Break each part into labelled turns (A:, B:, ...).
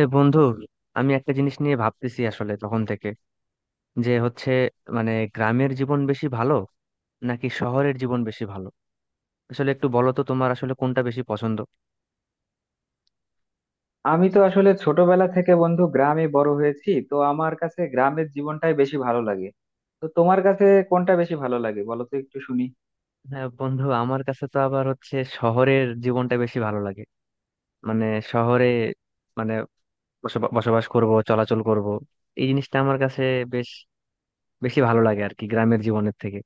A: এ বন্ধু, আমি একটা জিনিস নিয়ে ভাবতেছি আসলে তখন থেকে, যে হচ্ছে মানে গ্রামের জীবন বেশি ভালো নাকি শহরের জীবন বেশি ভালো। আসলে একটু বলো তো, তোমার আসলে কোনটা বেশি পছন্দ?
B: আমি তো আসলে ছোটবেলা থেকে বন্ধু গ্রামে বড় হয়েছি, তো আমার কাছে গ্রামের জীবনটাই বেশি ভালো লাগে। তো তোমার কাছে কোনটা বেশি ভালো লাগে বলো তো একটু শুনি।
A: হ্যাঁ বন্ধু, আমার কাছে তো আবার হচ্ছে শহরের জীবনটা বেশি ভালো লাগে। মানে শহরে মানে বসবাস করব, চলাচল করব, এই জিনিসটা আমার কাছে বেশ বেশি ভালো লাগে আর কি, গ্রামের জীবনের থেকে।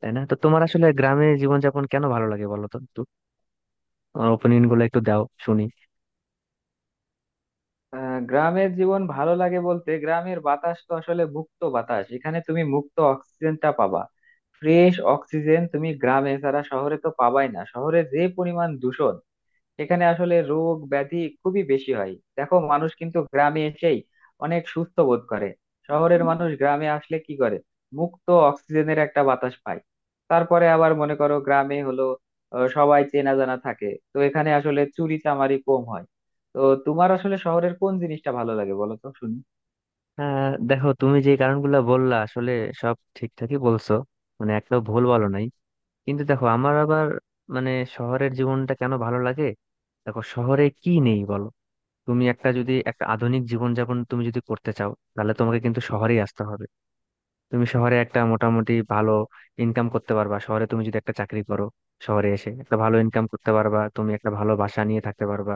A: তাই না? তো তোমার আসলে গ্রামের জীবনযাপন কেন ভালো লাগে বলো তো একটু, তোমার ওপিনিয়ন গুলো একটু দাও, শুনি।
B: গ্রামের জীবন ভালো লাগে বলতে, গ্রামের বাতাস তো আসলে মুক্ত বাতাস, এখানে তুমি মুক্ত অক্সিজেনটা পাবা। ফ্রেশ অক্সিজেন তুমি গ্রামে ছাড়া শহরে তো পাবাই না। শহরে যে পরিমাণ দূষণ, এখানে আসলে রোগ ব্যাধি খুবই বেশি হয়। দেখো মানুষ কিন্তু গ্রামে এসেই অনেক সুস্থ বোধ করে। শহরের মানুষ গ্রামে আসলে কি করে, মুক্ত অক্সিজেনের একটা বাতাস পায়। তারপরে আবার মনে করো গ্রামে হলো, সবাই চেনা জানা থাকে, তো এখানে আসলে চুরি চামারি কম হয়। তো তোমার আসলে শহরের কোন জিনিসটা ভালো লাগে বলো তো শুনি।
A: হ্যাঁ দেখো, তুমি যে কারণগুলো বললা আসলে সব ঠিকঠাকই বলছো, মানে একটাও ভুল বলো নাই। কিন্তু দেখো আমার আবার মানে শহরের জীবনটা কেন ভালো লাগে। দেখো, শহরে কি নেই বলো? তুমি একটা, যদি একটা আধুনিক জীবনযাপন তুমি যদি করতে চাও, তাহলে তোমাকে কিন্তু শহরেই আসতে হবে। তুমি শহরে একটা মোটামুটি ভালো ইনকাম করতে পারবা। শহরে তুমি যদি একটা চাকরি করো, শহরে এসে একটা ভালো ইনকাম করতে পারবা, তুমি একটা ভালো বাসা নিয়ে থাকতে পারবা।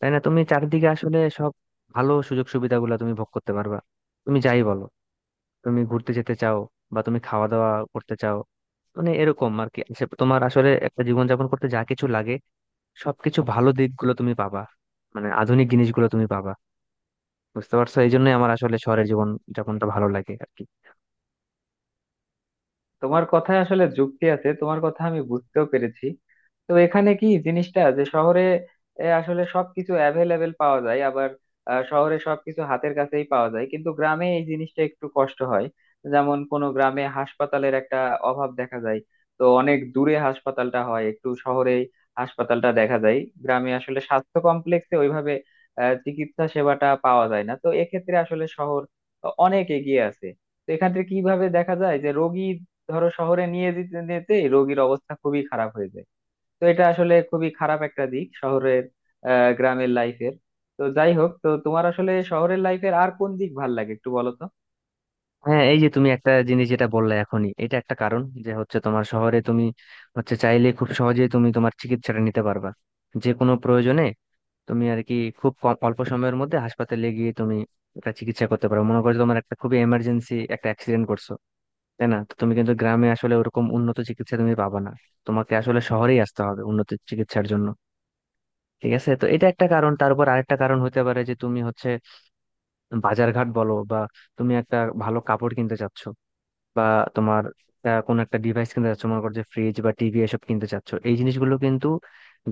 A: তাই না? তুমি চারিদিকে আসলে সব ভালো সুযোগ সুবিধাগুলো তুমি ভোগ করতে পারবা। তুমি যাই বলো, তুমি ঘুরতে যেতে চাও বা তুমি খাওয়া দাওয়া করতে চাও, মানে এরকম আর কি, সে তোমার আসলে একটা জীবনযাপন করতে যা কিছু লাগে সবকিছু, ভালো দিকগুলো তুমি পাবা, মানে আধুনিক জিনিসগুলো তুমি পাবা। বুঝতে পারছো? এই জন্যই আমার আসলে শহরের জীবন যাপনটা ভালো লাগে আর কি।
B: তোমার কথায় আসলে যুক্তি আছে, তোমার কথা আমি বুঝতেও পেরেছি। তো এখানে কি জিনিসটা যে শহরে আসলে সবকিছু অ্যাভেলেবেল পাওয়া যায়, আবার শহরে সবকিছু হাতের কাছেই পাওয়া যায়, কিন্তু গ্রামে এই জিনিসটা একটু কষ্ট হয়। যেমন কোনো গ্রামে হাসপাতালের একটা অভাব দেখা যায়। তো অনেক দূরে হাসপাতালটা হয়, একটু শহরেই হাসপাতালটা দেখা যায়। গ্রামে আসলে স্বাস্থ্য কমপ্লেক্সে ওইভাবে চিকিৎসা সেবাটা পাওয়া যায় না। তো এক্ষেত্রে আসলে শহর অনেক এগিয়ে আছে। তো এখান থেকে কিভাবে দেখা যায় যে রোগী, ধরো শহরে নিয়ে যেতে যেতেই রোগীর অবস্থা খুবই খারাপ হয়ে যায়। তো এটা আসলে খুবই খারাপ একটা দিক শহরের, গ্রামের লাইফের। তো যাই হোক, তো তোমার আসলে শহরের লাইফের আর কোন দিক ভাল লাগে একটু বলো তো।
A: হ্যাঁ, এই যে তুমি একটা জিনিস যেটা বললে এখনই, এটা একটা কারণ, যে হচ্ছে তোমার শহরে তুমি হচ্ছে চাইলে খুব সহজেই তুমি তোমার চিকিৎসাটা নিতে পারবা যে কোনো প্রয়োজনে। তুমি আর কি খুব কম অল্প সময়ের মধ্যে হাসপাতালে গিয়ে তুমি একটা চিকিৎসা করতে পারো। মনে করো তোমার একটা খুবই এমার্জেন্সি, একটা অ্যাক্সিডেন্ট করছো, তাই না? তো তুমি কিন্তু গ্রামে আসলে ওরকম উন্নত চিকিৎসা তুমি পাবা না। তোমাকে আসলে শহরেই আসতে হবে উন্নত চিকিৎসার জন্য। ঠিক আছে, তো এটা একটা কারণ। তারপর আরেকটা কারণ হতে পারে যে তুমি হচ্ছে বাজারঘাট বলো বা তুমি একটা ভালো কাপড় কিনতে চাচ্ছ বা তোমার কোনো একটা ডিভাইস কিনতে চাচ্ছ, মনে করো যে ফ্রিজ বা টিভি এসব কিনতে চাচ্ছ, এই জিনিসগুলো কিন্তু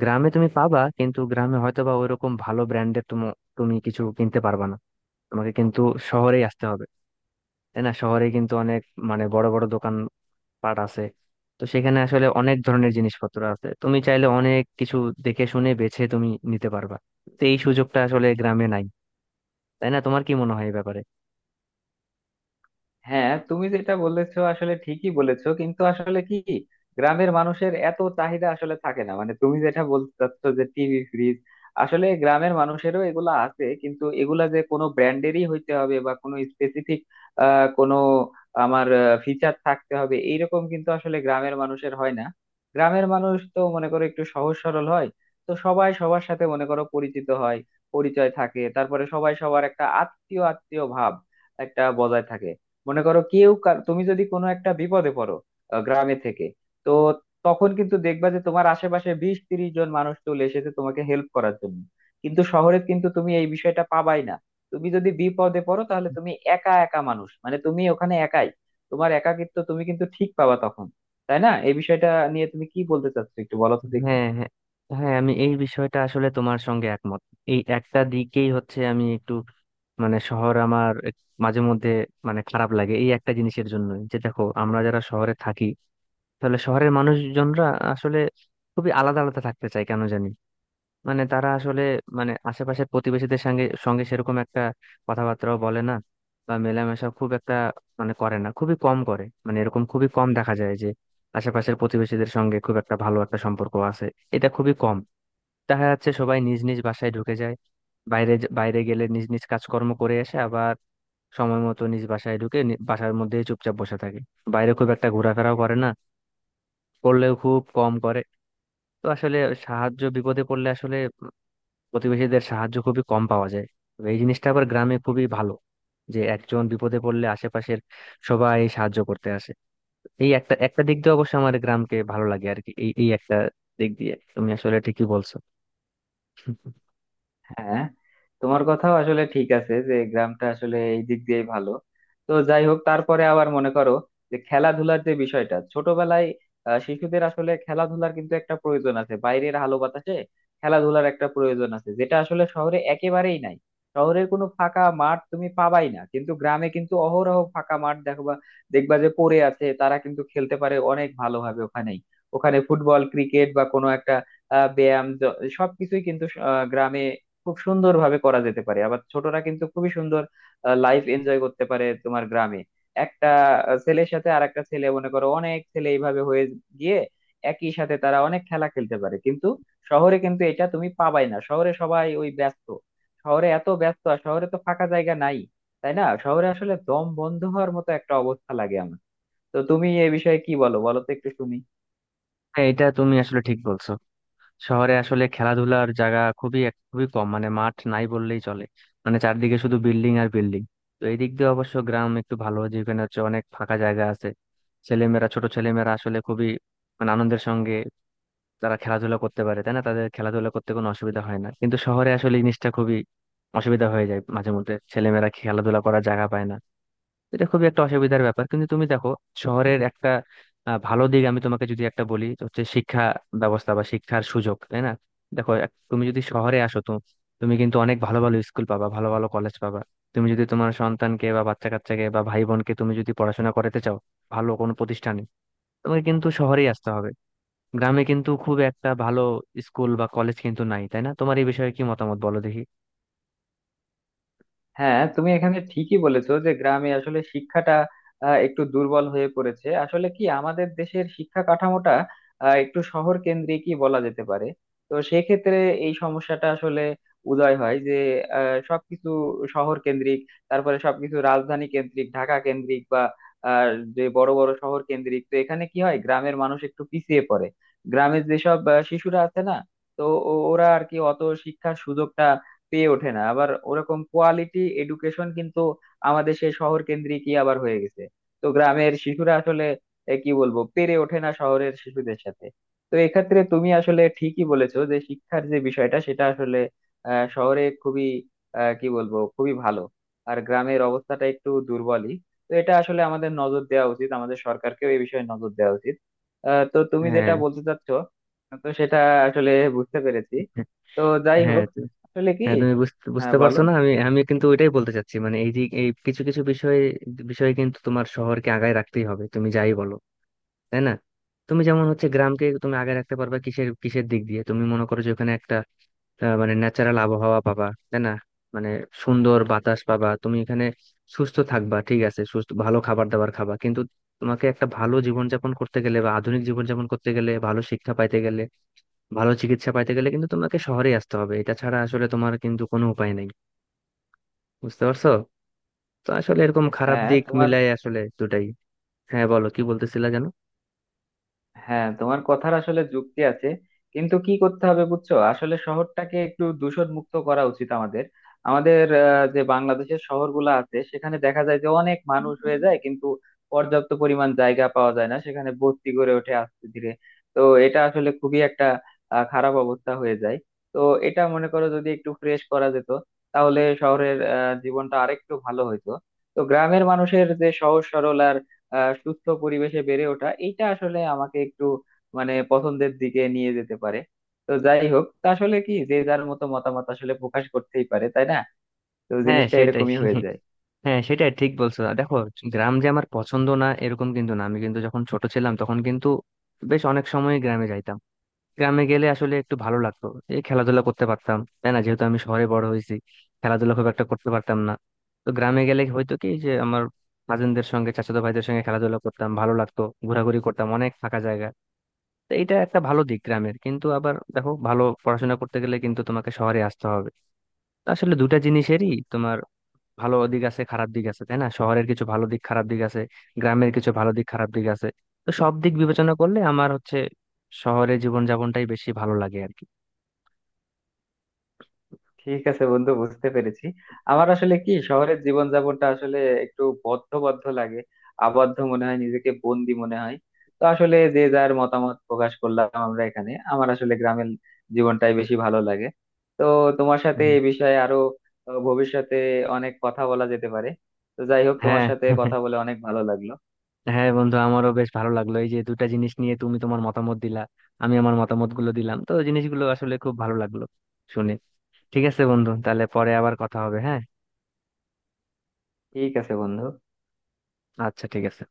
A: গ্রামে তুমি পাবা, কিন্তু গ্রামে হয়তো বা ওইরকম ভালো ব্র্যান্ডের তুমি তুমি কিছু কিনতে পারবা না। তোমাকে কিন্তু শহরেই আসতে হবে। তাই না? শহরে কিন্তু অনেক মানে বড় বড় দোকান পাট আছে। তো সেখানে আসলে অনেক ধরনের জিনিসপত্র আছে, তুমি চাইলে অনেক কিছু দেখে শুনে বেছে তুমি নিতে পারবা। তো এই সুযোগটা আসলে গ্রামে নাই। তাই না? তোমার কি মনে হয় এই ব্যাপারে?
B: হ্যাঁ, তুমি যেটা বলেছো আসলে ঠিকই বলেছো, কিন্তু আসলে কি, গ্রামের মানুষের এত চাহিদা আসলে থাকে না। মানে তুমি যেটা বলতে চাচ্ছ যে টিভি ফ্রিজ, আসলে গ্রামের মানুষেরও এগুলা আছে, কিন্তু এগুলা যে কোনো ব্র্যান্ডেরই হইতে হবে বা কোনো স্পেসিফিক আহ কোনো আমার ফিচার থাকতে হবে এইরকম কিন্তু আসলে গ্রামের মানুষের হয় না। গ্রামের মানুষ তো মনে করো একটু সহজ সরল হয়। তো সবাই সবার সাথে মনে করো পরিচিত হয়, পরিচয় থাকে। তারপরে সবাই সবার একটা আত্মীয় আত্মীয় ভাব একটা বজায় থাকে। মনে করো তুমি যদি কোনো একটা বিপদে পড়ো গ্রামে থেকে, তো তখন কিন্তু দেখবা যে তোমার আশেপাশে 20-30 জন মানুষ চলে এসেছে তোমাকে হেল্প করার জন্য। কিন্তু শহরে কিন্তু তুমি এই বিষয়টা পাবাই না। তুমি যদি বিপদে পড়ো তাহলে তুমি একা একা মানুষ, মানে তুমি ওখানে একাই, তোমার একাকিত্ব তুমি কিন্তু ঠিক পাবা তখন। তাই না, এই বিষয়টা নিয়ে তুমি কি বলতে চাচ্ছো একটু বলো তো দেখি।
A: হ্যাঁ, হ্যাঁ, হ্যাঁ, আমি এই বিষয়টা আসলে তোমার সঙ্গে একমত। এই একটা দিকেই হচ্ছে আমি একটু মানে শহর আমার মাঝে মধ্যে মানে খারাপ লাগে এই একটা জিনিসের জন্য, যে দেখো আমরা যারা শহরে থাকি, তাহলে শহরের মানুষজনরা আসলে খুবই আলাদা আলাদা থাকতে চায় কেন জানি। মানে তারা আসলে মানে আশেপাশের প্রতিবেশীদের সঙ্গে সঙ্গে সেরকম একটা কথাবার্তাও বলে না, বা মেলামেশা খুব একটা মানে করে না, খুবই কম করে। মানে এরকম খুবই কম দেখা যায় যে আশেপাশের প্রতিবেশীদের সঙ্গে খুব একটা ভালো একটা সম্পর্ক আছে। এটা খুবই কম দেখা যাচ্ছে। সবাই নিজ নিজ বাসায় ঢুকে যায়, বাইরে গেলে নিজ নিজ কাজকর্ম করে এসে আবার সময় মতো নিজ বাসায় বাসার মধ্যেই চুপচাপ বসে থাকে, বাইরে খুব একটা ঘোরাফেরাও করে না, করলেও খুব কম করে। তো আসলে সাহায্য, বিপদে পড়লে আসলে প্রতিবেশীদের সাহায্য খুবই কম পাওয়া যায়। তো এই জিনিসটা আবার গ্রামে খুবই ভালো, যে একজন বিপদে পড়লে আশেপাশের সবাই সাহায্য করতে আসে। এই একটা একটা দিক দিয়ে অবশ্য আমার গ্রামকে ভালো লাগে আর কি। এই এই একটা দিক দিয়ে তুমি আসলে ঠিকই বলছো।
B: হ্যাঁ, তোমার কথাও আসলে ঠিক আছে যে গ্রামটা আসলে এই দিক দিয়ে ভালো। তো যাই হোক, তারপরে আবার মনে করো যে খেলাধুলার যে বিষয়টা ছোটবেলায়, শিশুদের আসলে খেলাধুলার কিন্তু একটা প্রয়োজন আছে, বাইরের আলো বাতাসে খেলাধুলার একটা প্রয়োজন আছে, যেটা আসলে শহরে একেবারেই নাই। শহরের কোনো ফাঁকা মাঠ তুমি পাবাই না, কিন্তু গ্রামে কিন্তু অহরহ ফাঁকা মাঠ দেখবা। দেখবা যে পড়ে আছে, তারা কিন্তু খেলতে পারে অনেক ভালোভাবে ওখানেই। ওখানে ফুটবল ক্রিকেট বা কোনো একটা ব্যায়াম সবকিছুই কিন্তু গ্রামে খুব সুন্দর ভাবে করা যেতে পারে। আবার ছোটরা কিন্তু খুবই সুন্দর লাইফ এনজয় করতে পারে তোমার গ্রামে। একটা ছেলের সাথে আর একটা ছেলে, মনে করো অনেক ছেলে এইভাবে হয়ে গিয়ে একই সাথে তারা অনেক খেলা খেলতে পারে। কিন্তু শহরে কিন্তু এটা তুমি পাবাই না। শহরে সবাই ওই ব্যস্ত, শহরে এত ব্যস্ত, আর শহরে তো ফাঁকা জায়গা নাই। তাই না, শহরে আসলে দম বন্ধ হওয়ার মতো একটা অবস্থা লাগে আমার। তো তুমি এই বিষয়ে কি বলো, বলো তো একটু শুনি।
A: হ্যাঁ, এটা তুমি আসলে ঠিক বলছো। শহরে আসলে খেলাধুলার জায়গা খুবই খুবই কম, মানে মাঠ নাই বললেই চলে, মানে চারদিকে শুধু বিল্ডিং আর বিল্ডিং। তো এই দিক দিয়ে অবশ্য গ্রাম একটু ভালো, যেখানে হচ্ছে অনেক ফাঁকা জায়গা আছে, ছেলেমেয়েরা, ছোট ছেলেমেয়েরা আসলে খুবই মানে আনন্দের সঙ্গে তারা খেলাধুলা করতে পারে। তাই না? তাদের খেলাধুলা করতে কোনো অসুবিধা হয় না। কিন্তু শহরে আসলে এই জিনিসটা খুবই অসুবিধা হয়ে যায়, মাঝে মধ্যে ছেলেমেয়েরা খেলাধুলা করার জায়গা পায় না। এটা খুবই একটা অসুবিধার ব্যাপার। কিন্তু তুমি দেখো, শহরের একটা ভালো দিক আমি তোমাকে যদি একটা বলি তো হচ্ছে শিক্ষা ব্যবস্থা বা শিক্ষার সুযোগ। তাই না? দেখো, তুমি যদি শহরে আসো তো তুমি কিন্তু অনেক ভালো ভালো স্কুল পাবা, ভালো ভালো কলেজ পাবা। তুমি যদি তোমার সন্তানকে বা বাচ্চা কাচ্চাকে বা ভাই বোনকে তুমি যদি পড়াশোনা করাতে চাও ভালো কোনো প্রতিষ্ঠানে, তোমাকে কিন্তু শহরেই আসতে হবে। গ্রামে কিন্তু খুব একটা ভালো স্কুল বা কলেজ কিন্তু নাই। তাই না? তোমার এই বিষয়ে কি মতামত বলো দেখি।
B: হ্যাঁ, তুমি এখানে ঠিকই বলেছো যে গ্রামে আসলে শিক্ষাটা একটু দুর্বল হয়ে পড়েছে। আসলে কি, আমাদের দেশের শিক্ষা কাঠামোটা একটু শহর কেন্দ্রিকই বলা যেতে পারে। তো সেক্ষেত্রে এই সমস্যাটা আসলে উদয় হয় যে সবকিছু শহর কেন্দ্রিক, তারপরে সবকিছু রাজধানী কেন্দ্রিক, ঢাকা কেন্দ্রিক, বা আহ, যে বড় বড় শহর কেন্দ্রিক। তো এখানে কি হয়, গ্রামের মানুষ একটু পিছিয়ে পড়ে। গ্রামের যেসব শিশুরা আছে না, তো ওরা আর কি অত শিক্ষার সুযোগটা পেয়ে ওঠে না। আবার ওরকম কোয়ালিটি এডুকেশন কিন্তু আমাদের সেই শহর কেন্দ্রিকই আবার হয়ে গেছে। তো গ্রামের শিশুরা আসলে কি বলবো, পেরে ওঠে না শহরের শিশুদের সাথে। তো এক্ষেত্রে তুমি আসলে ঠিকই বলেছো যে শিক্ষার যে বিষয়টা সেটা আসলে শহরে খুবই কি বলবো খুবই ভালো, আর গ্রামের অবস্থাটা একটু দুর্বলই। তো এটা আসলে আমাদের নজর দেওয়া উচিত, আমাদের সরকারকেও এই বিষয়ে নজর দেওয়া উচিত। তো তুমি যেটা
A: হ্যাঁ,
B: বলতে চাচ্ছ, তো সেটা আসলে বুঝতে পেরেছি। তো যাই
A: হ্যাঁ,
B: হোক, আসলে কি,
A: হ্যাঁ তুমি বুঝতে
B: হ্যাঁ
A: বুঝতে
B: বলো।
A: পারছো না, আমি আমি কিন্তু ওইটাই বলতে চাচ্ছি, মানে এই যে এই কিছু কিছু বিষয়ে বিষয়ে কিন্তু তোমার শহরকে আগায় রাখতেই হবে, তুমি যাই বলো। তাই না? তুমি যেমন হচ্ছে গ্রামকে তুমি আগায় রাখতে পারবে কিসের কিসের দিক দিয়ে, তুমি মনে করো যে ওখানে একটা মানে ন্যাচারাল আবহাওয়া পাবা, তাই না, মানে সুন্দর বাতাস পাবা, তুমি এখানে সুস্থ থাকবা, ঠিক আছে, সুস্থ ভালো খাবার দাবার খাবা। কিন্তু তোমাকে একটা ভালো জীবনযাপন করতে গেলে বা আধুনিক জীবনযাপন করতে গেলে, ভালো শিক্ষা পাইতে গেলে, ভালো চিকিৎসা পাইতে গেলে, কিন্তু তোমাকে শহরে আসতে হবে। এটা ছাড়া আসলে তোমার কিন্তু কোনো উপায় নেই। বুঝতে পারছো? তো আসলে এরকম, খারাপ
B: হ্যাঁ
A: দিক মিলাই আসলে দুটাই। হ্যাঁ বলো, কি বলতেছিলা যেন?
B: তোমার কথার আসলে যুক্তি আছে। কিন্তু কি করতে হবে বুঝছো, আসলে শহরটাকে একটু দূষণ মুক্ত করা উচিত আমাদের। আমাদের যে বাংলাদেশের শহরগুলো আছে, সেখানে দেখা যায় যে অনেক মানুষ হয়ে যায়, কিন্তু পর্যাপ্ত পরিমাণ জায়গা পাওয়া যায় না, সেখানে বস্তি গড়ে ওঠে আস্তে ধীরে। তো এটা আসলে খুবই একটা খারাপ অবস্থা হয়ে যায়। তো এটা মনে করো যদি একটু ফ্রেশ করা যেত, তাহলে শহরের জীবনটা আরেকটু ভালো হইতো। তো গ্রামের মানুষের যে সহজ সরল সুস্থ পরিবেশে বেড়ে ওঠা, এইটা আসলে আমাকে একটু মানে পছন্দের দিকে নিয়ে যেতে পারে। তো যাই হোক, তা আসলে কি, যে যার মতো মতামত আসলে প্রকাশ করতেই পারে, তাই না। তো
A: হ্যাঁ
B: জিনিসটা
A: সেটাই,
B: এরকমই হয়ে যায়।
A: হ্যাঁ সেটাই ঠিক বলছো। আর দেখো, গ্রাম যে আমার পছন্দ না এরকম কিন্তু না। আমি কিন্তু যখন ছোট ছিলাম তখন কিন্তু বেশ অনেক সময় গ্রামে যাইতাম। গ্রামে গেলে আসলে একটু ভালো লাগতো, এই খেলাধুলা করতে পারতাম। তাই না? যেহেতু আমি শহরে বড় হয়েছি, খেলাধুলা খুব একটা করতে পারতাম না। তো গ্রামে গেলে হয়তো কি যে আমার কাজিনদের সঙ্গে, চাচাতো ভাইদের সঙ্গে খেলাধুলা করতাম, ভালো লাগতো, ঘোরাঘুরি করতাম, অনেক ফাঁকা জায়গা। তো এটা একটা ভালো দিক গ্রামের। কিন্তু আবার দেখো, ভালো পড়াশোনা করতে গেলে কিন্তু তোমাকে শহরে আসতে হবে। তো আসলে দুটা জিনিসেরই তোমার ভালো দিক আছে, খারাপ দিক আছে। তাই না? শহরের কিছু ভালো দিক, খারাপ দিক আছে, গ্রামের কিছু ভালো দিক, খারাপ দিক আছে। তো সব দিক বিবেচনা করলে আমার হচ্ছে শহরে জীবনযাপনটাই বেশি ভালো লাগে আর কি।
B: ঠিক আছে বন্ধু, বুঝতে পেরেছি। আমার আসলে কি শহরের জীবনযাপনটা আসলে একটু বদ্ধ বদ্ধ লাগে, আবদ্ধ মনে হয়, নিজেকে বন্দি মনে হয়। তো আসলে যে যার মতামত প্রকাশ করলাম আমরা এখানে, আমার আসলে গ্রামের জীবনটাই বেশি ভালো লাগে। তো তোমার সাথে
A: হুম।
B: এই বিষয়ে আরো ভবিষ্যতে অনেক কথা বলা যেতে পারে। তো যাই হোক, তোমার
A: হ্যাঁ
B: সাথে কথা বলে অনেক ভালো লাগলো।
A: হ্যাঁ বন্ধু, আমারও বেশ ভালো লাগলো। এই যে দুটা জিনিস নিয়ে তুমি তোমার মতামত দিলা, আমি আমার মতামত গুলো দিলাম, তো জিনিসগুলো আসলে খুব ভালো লাগলো শুনে। ঠিক আছে বন্ধু, তাহলে পরে আবার কথা হবে, হ্যাঁ।
B: ঠিক আছে বন্ধু।
A: আচ্ছা, ঠিক আছে।